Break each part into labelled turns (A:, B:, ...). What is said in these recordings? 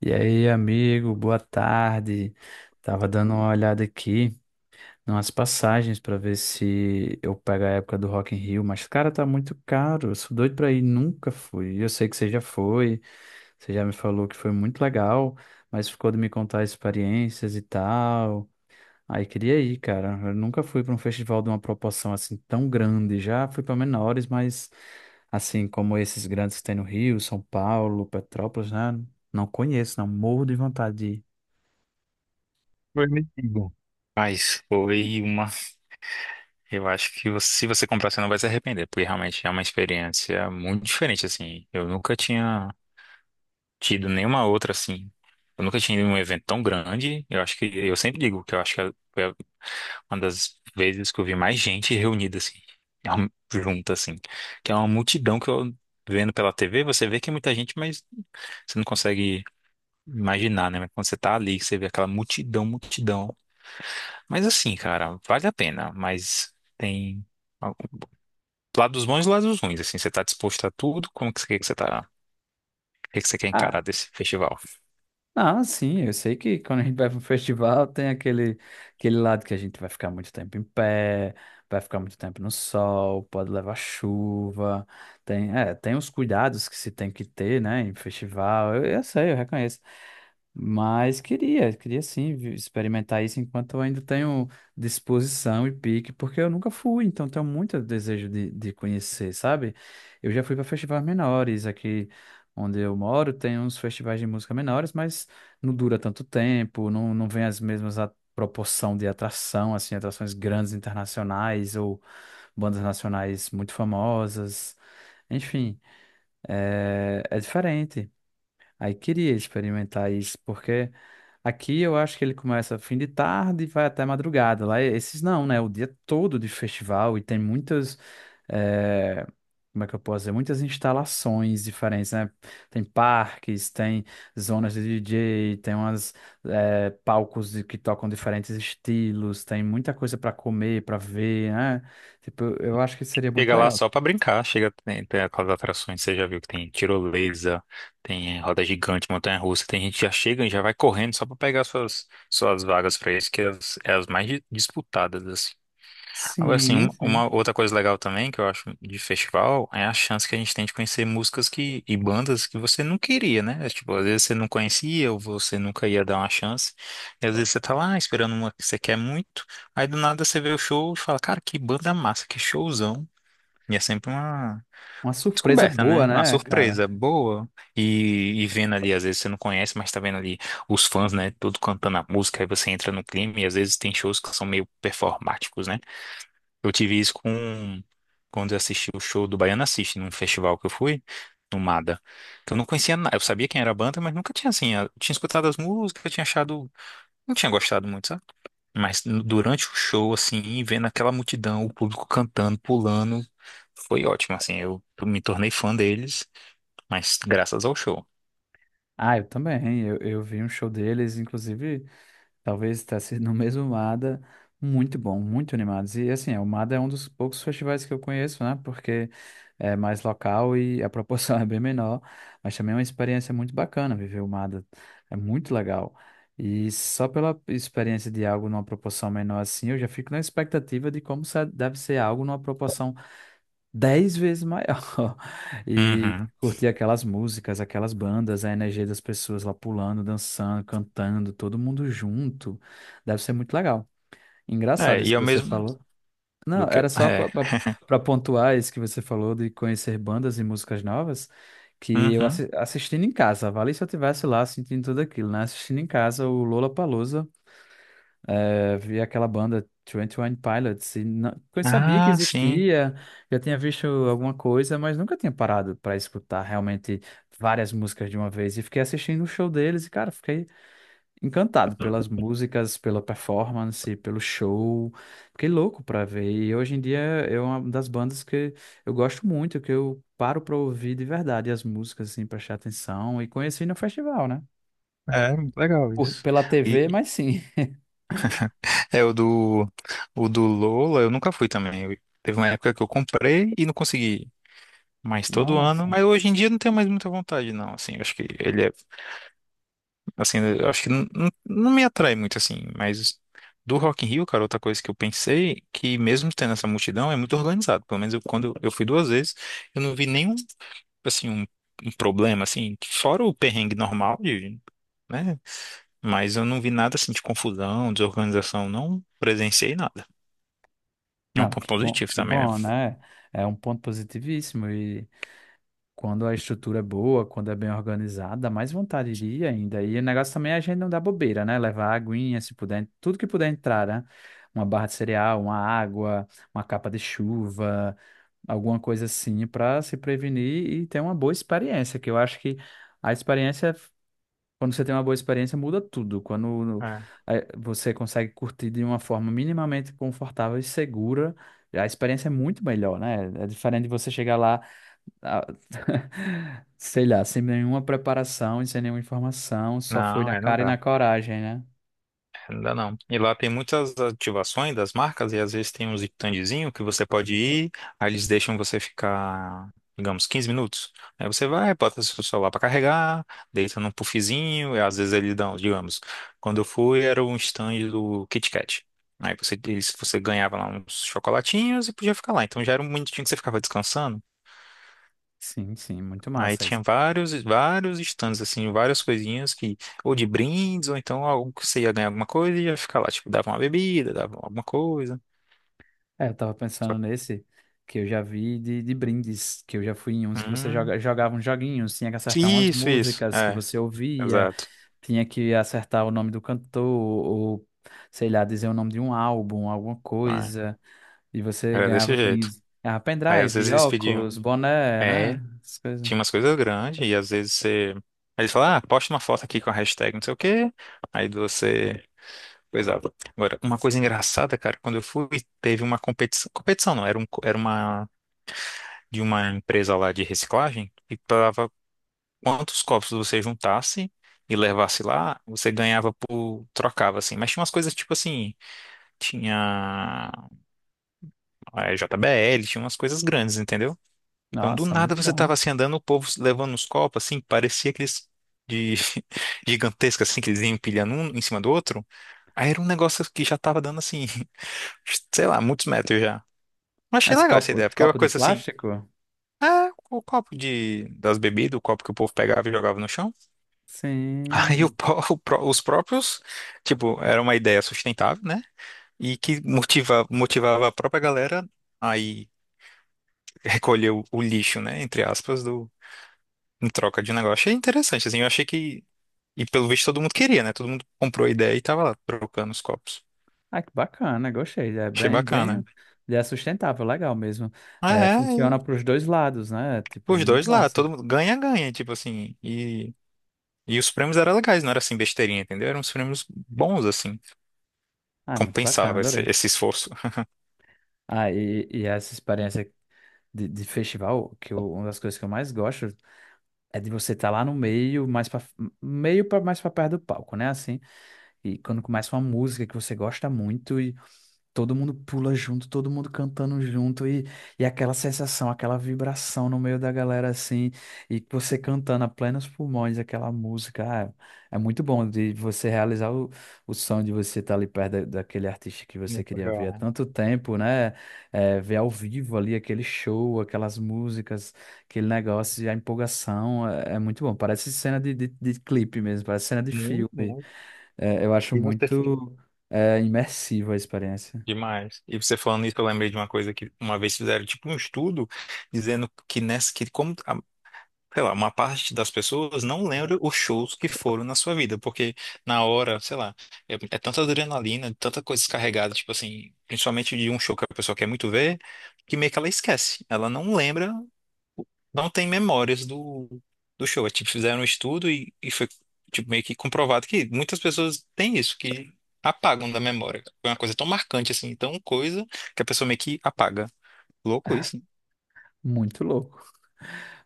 A: E aí, amigo, boa tarde. Tava dando uma olhada aqui nas passagens para ver se eu pego a época do Rock in Rio, mas cara, tá muito caro. Eu sou doido pra ir, nunca fui. Eu sei que você já foi, você já me falou que foi muito legal, mas ficou de me contar experiências e tal. Aí queria ir, cara. Eu nunca fui pra um festival de uma proporção assim tão grande. Já fui pra menores, mas assim como esses grandes que tem no Rio, São Paulo, Petrópolis, né? Não conheço, não. Morro de vontade.
B: Foi metido. Mas foi uma. Eu acho que se você comprar, você não vai se arrepender, porque realmente é uma experiência muito diferente, assim. Eu nunca tinha tido nenhuma outra, assim. Eu nunca tinha ido em um evento tão grande. Eu acho que. Eu sempre digo que eu acho que uma das vezes que eu vi mais gente reunida, assim, junta, assim. Que é uma multidão que eu vendo pela TV, você vê que é muita gente, mas você não consegue imaginar, né? Mas quando você tá ali, que você vê aquela multidão, multidão. Mas assim, cara, vale a pena, mas tem algum- lados bons e lados ruins, assim, você tá disposto a tudo? Como que você tá, o que que você quer encarar
A: Ah,
B: desse festival?
A: não, sim, eu sei que quando a gente vai para um festival tem aquele lado que a gente vai ficar muito tempo em pé, vai ficar muito tempo no sol, pode levar chuva, tem os cuidados que se tem que ter, né, em festival, eu sei, eu reconheço. Mas queria sim experimentar isso enquanto eu ainda tenho disposição e pique, porque eu nunca fui, então tenho muito desejo de conhecer, sabe? Eu já fui para festivais menores, aqui onde eu moro tem uns festivais de música menores, mas não dura tanto tempo, não, não vem as mesmas a proporção de atração, assim, atrações grandes internacionais ou bandas nacionais muito famosas, enfim, é diferente. Aí queria experimentar isso, porque aqui eu acho que ele começa fim de tarde e vai até madrugada. Lá é, esses não, né? O dia todo de festival e tem muitas, eh, como é que eu posso dizer? Muitas instalações diferentes, né? Tem parques, tem zonas de DJ, tem palcos que tocam diferentes estilos, tem muita coisa para comer, para ver, né? Tipo, eu acho que seria muito
B: Chega lá
A: legal.
B: só pra brincar, chega, tem, tem aquelas atrações, você já viu que tem tirolesa, tem roda gigante, montanha-russa, tem gente que já chega e já vai correndo só pra pegar suas, suas vagas pra isso, que é as mais disputadas, assim. Agora, assim,
A: Sim, sim.
B: uma outra coisa legal também que eu acho de festival é a chance que a gente tem de conhecer músicas que, e bandas que você não queria, né? É, tipo, às vezes você não conhecia ou você nunca ia dar uma chance. E às vezes você tá lá esperando uma que você quer muito, aí do nada você vê o show e fala, cara, que banda massa, que showzão. E é sempre uma
A: Uma surpresa
B: descoberta,
A: boa,
B: né? Uma
A: né, cara?
B: surpresa boa. E vendo ali, às vezes você não conhece, mas tá vendo ali os fãs, né? Todo cantando a música, aí você entra no clima e às vezes tem shows que são meio performáticos, né? Eu tive isso com quando eu assisti o show do Baiana System num festival que eu fui, no Mada. Que eu não conhecia nada. Eu sabia quem era a banda, mas nunca tinha assim. Eu tinha escutado as músicas, eu tinha achado. Não tinha gostado muito, sabe? Mas durante o show, assim, vendo aquela multidão, o público cantando, pulando, foi ótimo, assim. Eu me tornei fã deles, mas graças ao show.
A: Ah, eu também. Eu vi um show deles, inclusive, talvez está sendo no mesmo MADA. Muito bom, muito animados. E assim, o MADA é um dos poucos festivais que eu conheço, né? Porque é mais local e a proporção é bem menor. Mas também é uma experiência muito bacana viver o MADA. É muito legal. E só pela experiência de algo numa proporção menor assim, eu já fico na expectativa de como deve ser algo numa proporção 10 vezes maior. E
B: Uhum.
A: curtir aquelas músicas, aquelas bandas, a energia das pessoas lá pulando, dançando, cantando, todo mundo junto. Deve ser muito legal.
B: É,
A: Engraçado isso
B: e é
A: que
B: o
A: você
B: mesmo
A: falou. Não,
B: do que.
A: era só
B: É.
A: para pontuar isso que você falou de conhecer bandas e músicas novas, que eu
B: Uhum.
A: assistindo em casa, vale se eu tivesse lá sentindo tudo aquilo, né? Assistindo em casa o Lollapalooza vi aquela banda Twenty One Pilots e não, eu sabia que
B: Ah, sim.
A: existia, já tinha visto alguma coisa, mas nunca tinha parado para escutar realmente várias músicas de uma vez e fiquei assistindo o show deles e cara, fiquei encantado pelas músicas, pela performance, pelo show. Fiquei louco para ver e hoje em dia é uma das bandas que eu gosto muito, que eu paro para ouvir de verdade as músicas assim, prestar atenção e conheci no festival, né?
B: É, muito legal isso.
A: Pela TV,
B: E,
A: mas sim.
B: É, o do Lola, eu nunca fui também. Teve uma época que eu comprei e não consegui. Mas todo ano.
A: Nossa.
B: Mas hoje em dia eu não tenho mais muita vontade, não. Assim, eu acho que ele é. Assim, eu acho que não me atrai muito, assim. Mas do Rock in Rio, cara, outra coisa que eu pensei, que mesmo tendo essa multidão, é muito organizado. Pelo menos eu, eu fui duas vezes, eu não vi nenhum, assim, um problema, assim. Fora o perrengue normal, de, né? Mas eu não vi nada, assim, de confusão, desorganização. Não presenciei nada. É um
A: Não,
B: ponto positivo
A: que
B: também, né?
A: bom, né? É um ponto positivíssimo e quando a estrutura é boa, quando é bem organizada, mais vontade iria ainda. E o negócio também é a gente não dar bobeira, né? Levar aguinha, se puder, tudo que puder entrar, né? Uma barra de cereal, uma água, uma capa de chuva, alguma coisa assim para se prevenir e ter uma boa experiência, que eu acho que a experiência quando você tem uma boa experiência, muda tudo. Quando
B: É.
A: você consegue curtir de uma forma minimamente confortável e segura, a experiência é muito melhor, né? É diferente de você chegar lá, ah, sei lá, sem nenhuma preparação e sem nenhuma informação, só foi
B: Não,
A: na
B: é, não
A: cara e
B: dá.
A: na coragem, né?
B: Não dá não. E lá tem muitas ativações das marcas e às vezes tem uns standzinho que você pode ir, aí eles deixam você ficar, digamos, 15 minutos. Aí você vai, bota seu celular para carregar, deita num puffzinho, e às vezes eles dão, digamos, quando eu fui era um stand do Kit Kat. Aí você ganhava lá uns chocolatinhos e podia ficar lá. Então já era um minutinho que você ficava descansando.
A: Sim, sim, muito
B: Aí
A: massa isso.
B: tinha vários stands, assim, várias coisinhas que, ou de brindes, ou então algo que você ia ganhar alguma coisa e ia ficar lá, tipo, dava uma bebida, dava alguma coisa.
A: É, eu tava
B: Só
A: pensando
B: que.
A: nesse que eu já vi de brindes, que eu já fui em uns que você
B: Hum,
A: joga, jogava uns joguinhos, tinha que acertar umas
B: isso,
A: músicas que
B: é,
A: você ouvia.
B: exato.
A: Tinha que acertar o nome do cantor, ou sei lá, dizer o nome de um álbum, alguma
B: É,
A: coisa, e você
B: era
A: ganhava
B: desse jeito.
A: brinde. Ganhava
B: Aí às vezes
A: pendrive,
B: eles
A: óculos,
B: pediam,
A: boné, né?
B: é,
A: Essas coisas.
B: tinha umas coisas grandes, e às vezes você. Aí eles falavam, ah, posta uma foto aqui com a hashtag não sei o quê. Aí você. Coisava. Agora, uma coisa engraçada, cara, quando eu fui, teve uma competição. Competição não, era uma de uma empresa lá de reciclagem e pagava quantos copos você juntasse e levasse lá, você ganhava por trocava assim. Mas tinha umas coisas tipo assim, tinha a JBL, tinha umas coisas grandes, entendeu? Então do
A: Nossa,
B: nada
A: muito
B: você tava
A: bom.
B: assim andando, o povo levando uns copos assim, parecia aqueles de gigantesca assim que eles iam empilhando um em cima do outro. Aí era um negócio que já tava dando assim, sei lá, muitos metros já. Mas achei
A: Mas
B: legal essa
A: copo,
B: ideia, porque é uma
A: copo de
B: coisa assim,
A: plástico?
B: é o copo de, das bebidas, o copo que o povo pegava e jogava no chão. Aí
A: Sim.
B: os próprios, tipo, era uma ideia sustentável, né? E que motivava a própria galera aí recolher o lixo, né? Entre aspas, do, em troca de um negócio. Achei interessante, assim, eu achei que. E pelo visto todo mundo queria, né? Todo mundo comprou a ideia e tava lá trocando os copos.
A: Ah, que bacana, gostei. É
B: Achei
A: bem, bem,
B: bacana.
A: é sustentável, legal mesmo.
B: Ah,
A: É,
B: é,
A: funciona
B: e
A: para os dois lados, né? Tipo,
B: os
A: muito
B: dois lá,
A: massa.
B: todo mundo ganha, ganha, tipo assim. E os prêmios eram legais, não era assim besteirinha, entendeu? Eram uns prêmios bons, assim.
A: Ah, muito bacana,
B: Compensava esse,
A: adorei.
B: esse esforço.
A: Ah, e essa experiência de festival, uma das coisas que eu mais gosto. É de você estar lá no meio, mais para meio para mais para perto do palco, né? Assim, e quando começa uma música que você gosta muito e todo mundo pula junto, todo mundo cantando junto e aquela sensação, aquela vibração no meio da galera assim, e você cantando a plenos pulmões aquela música. Ah, é muito bom de você realizar o sonho de você estar ali perto daquele artista que você
B: Muito
A: queria ver
B: legal,
A: há
B: né?
A: tanto tempo, né? É, ver ao vivo ali aquele show, aquelas músicas, aquele negócio, e a empolgação é muito bom. Parece cena de clipe mesmo, parece cena de
B: Muito,
A: filme.
B: muito.
A: É, eu acho
B: E você
A: muito, imersiva a experiência.
B: demais. E você falando isso, eu lembrei de uma coisa que uma vez fizeram tipo um estudo dizendo que nessa que sei lá, uma parte das pessoas não lembra os shows que foram na sua vida, porque na hora, sei lá, é, é tanta adrenalina, tanta coisa descarregada, tipo assim, principalmente de um show que a pessoa quer muito ver, que meio que ela esquece. Ela não lembra não tem memórias do, do show. É, tipo, fizeram um estudo e foi tipo, meio que comprovado que muitas pessoas têm isso, que apagam da memória. Foi uma coisa tão marcante, assim, tão coisa, que a pessoa meio que apaga. Louco isso, né?
A: Muito louco.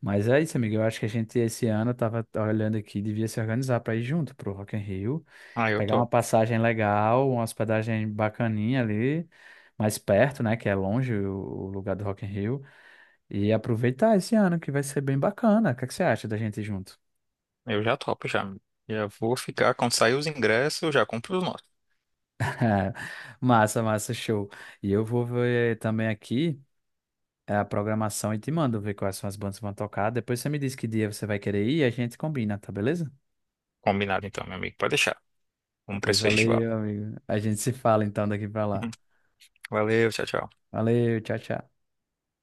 A: Mas é isso, amigo. Eu acho que a gente esse ano tava olhando aqui, devia se organizar para ir junto pro Rock in Rio,
B: Ah, eu
A: pegar uma
B: topo.
A: passagem legal, uma hospedagem bacaninha ali, mais perto, né, que é longe o lugar do Rock in Rio, e aproveitar esse ano que vai ser bem bacana. O que é que você acha da gente ir junto?
B: Eu já topo, já. Já vou ficar, quando sair os ingressos, eu já compro os nossos.
A: É, massa, massa, show. E eu vou ver também aqui a programação e te mando ver quais são as bandas que vão tocar. Depois você me diz que dia você vai querer ir e a gente combina, tá beleza?
B: Combinado então, meu amigo. Pode deixar. Vamos para
A: Pois
B: esse festival.
A: valeu, amigo. A gente se fala então daqui pra
B: Uhum.
A: lá.
B: Valeu, tchau, tchau.
A: Valeu, tchau, tchau.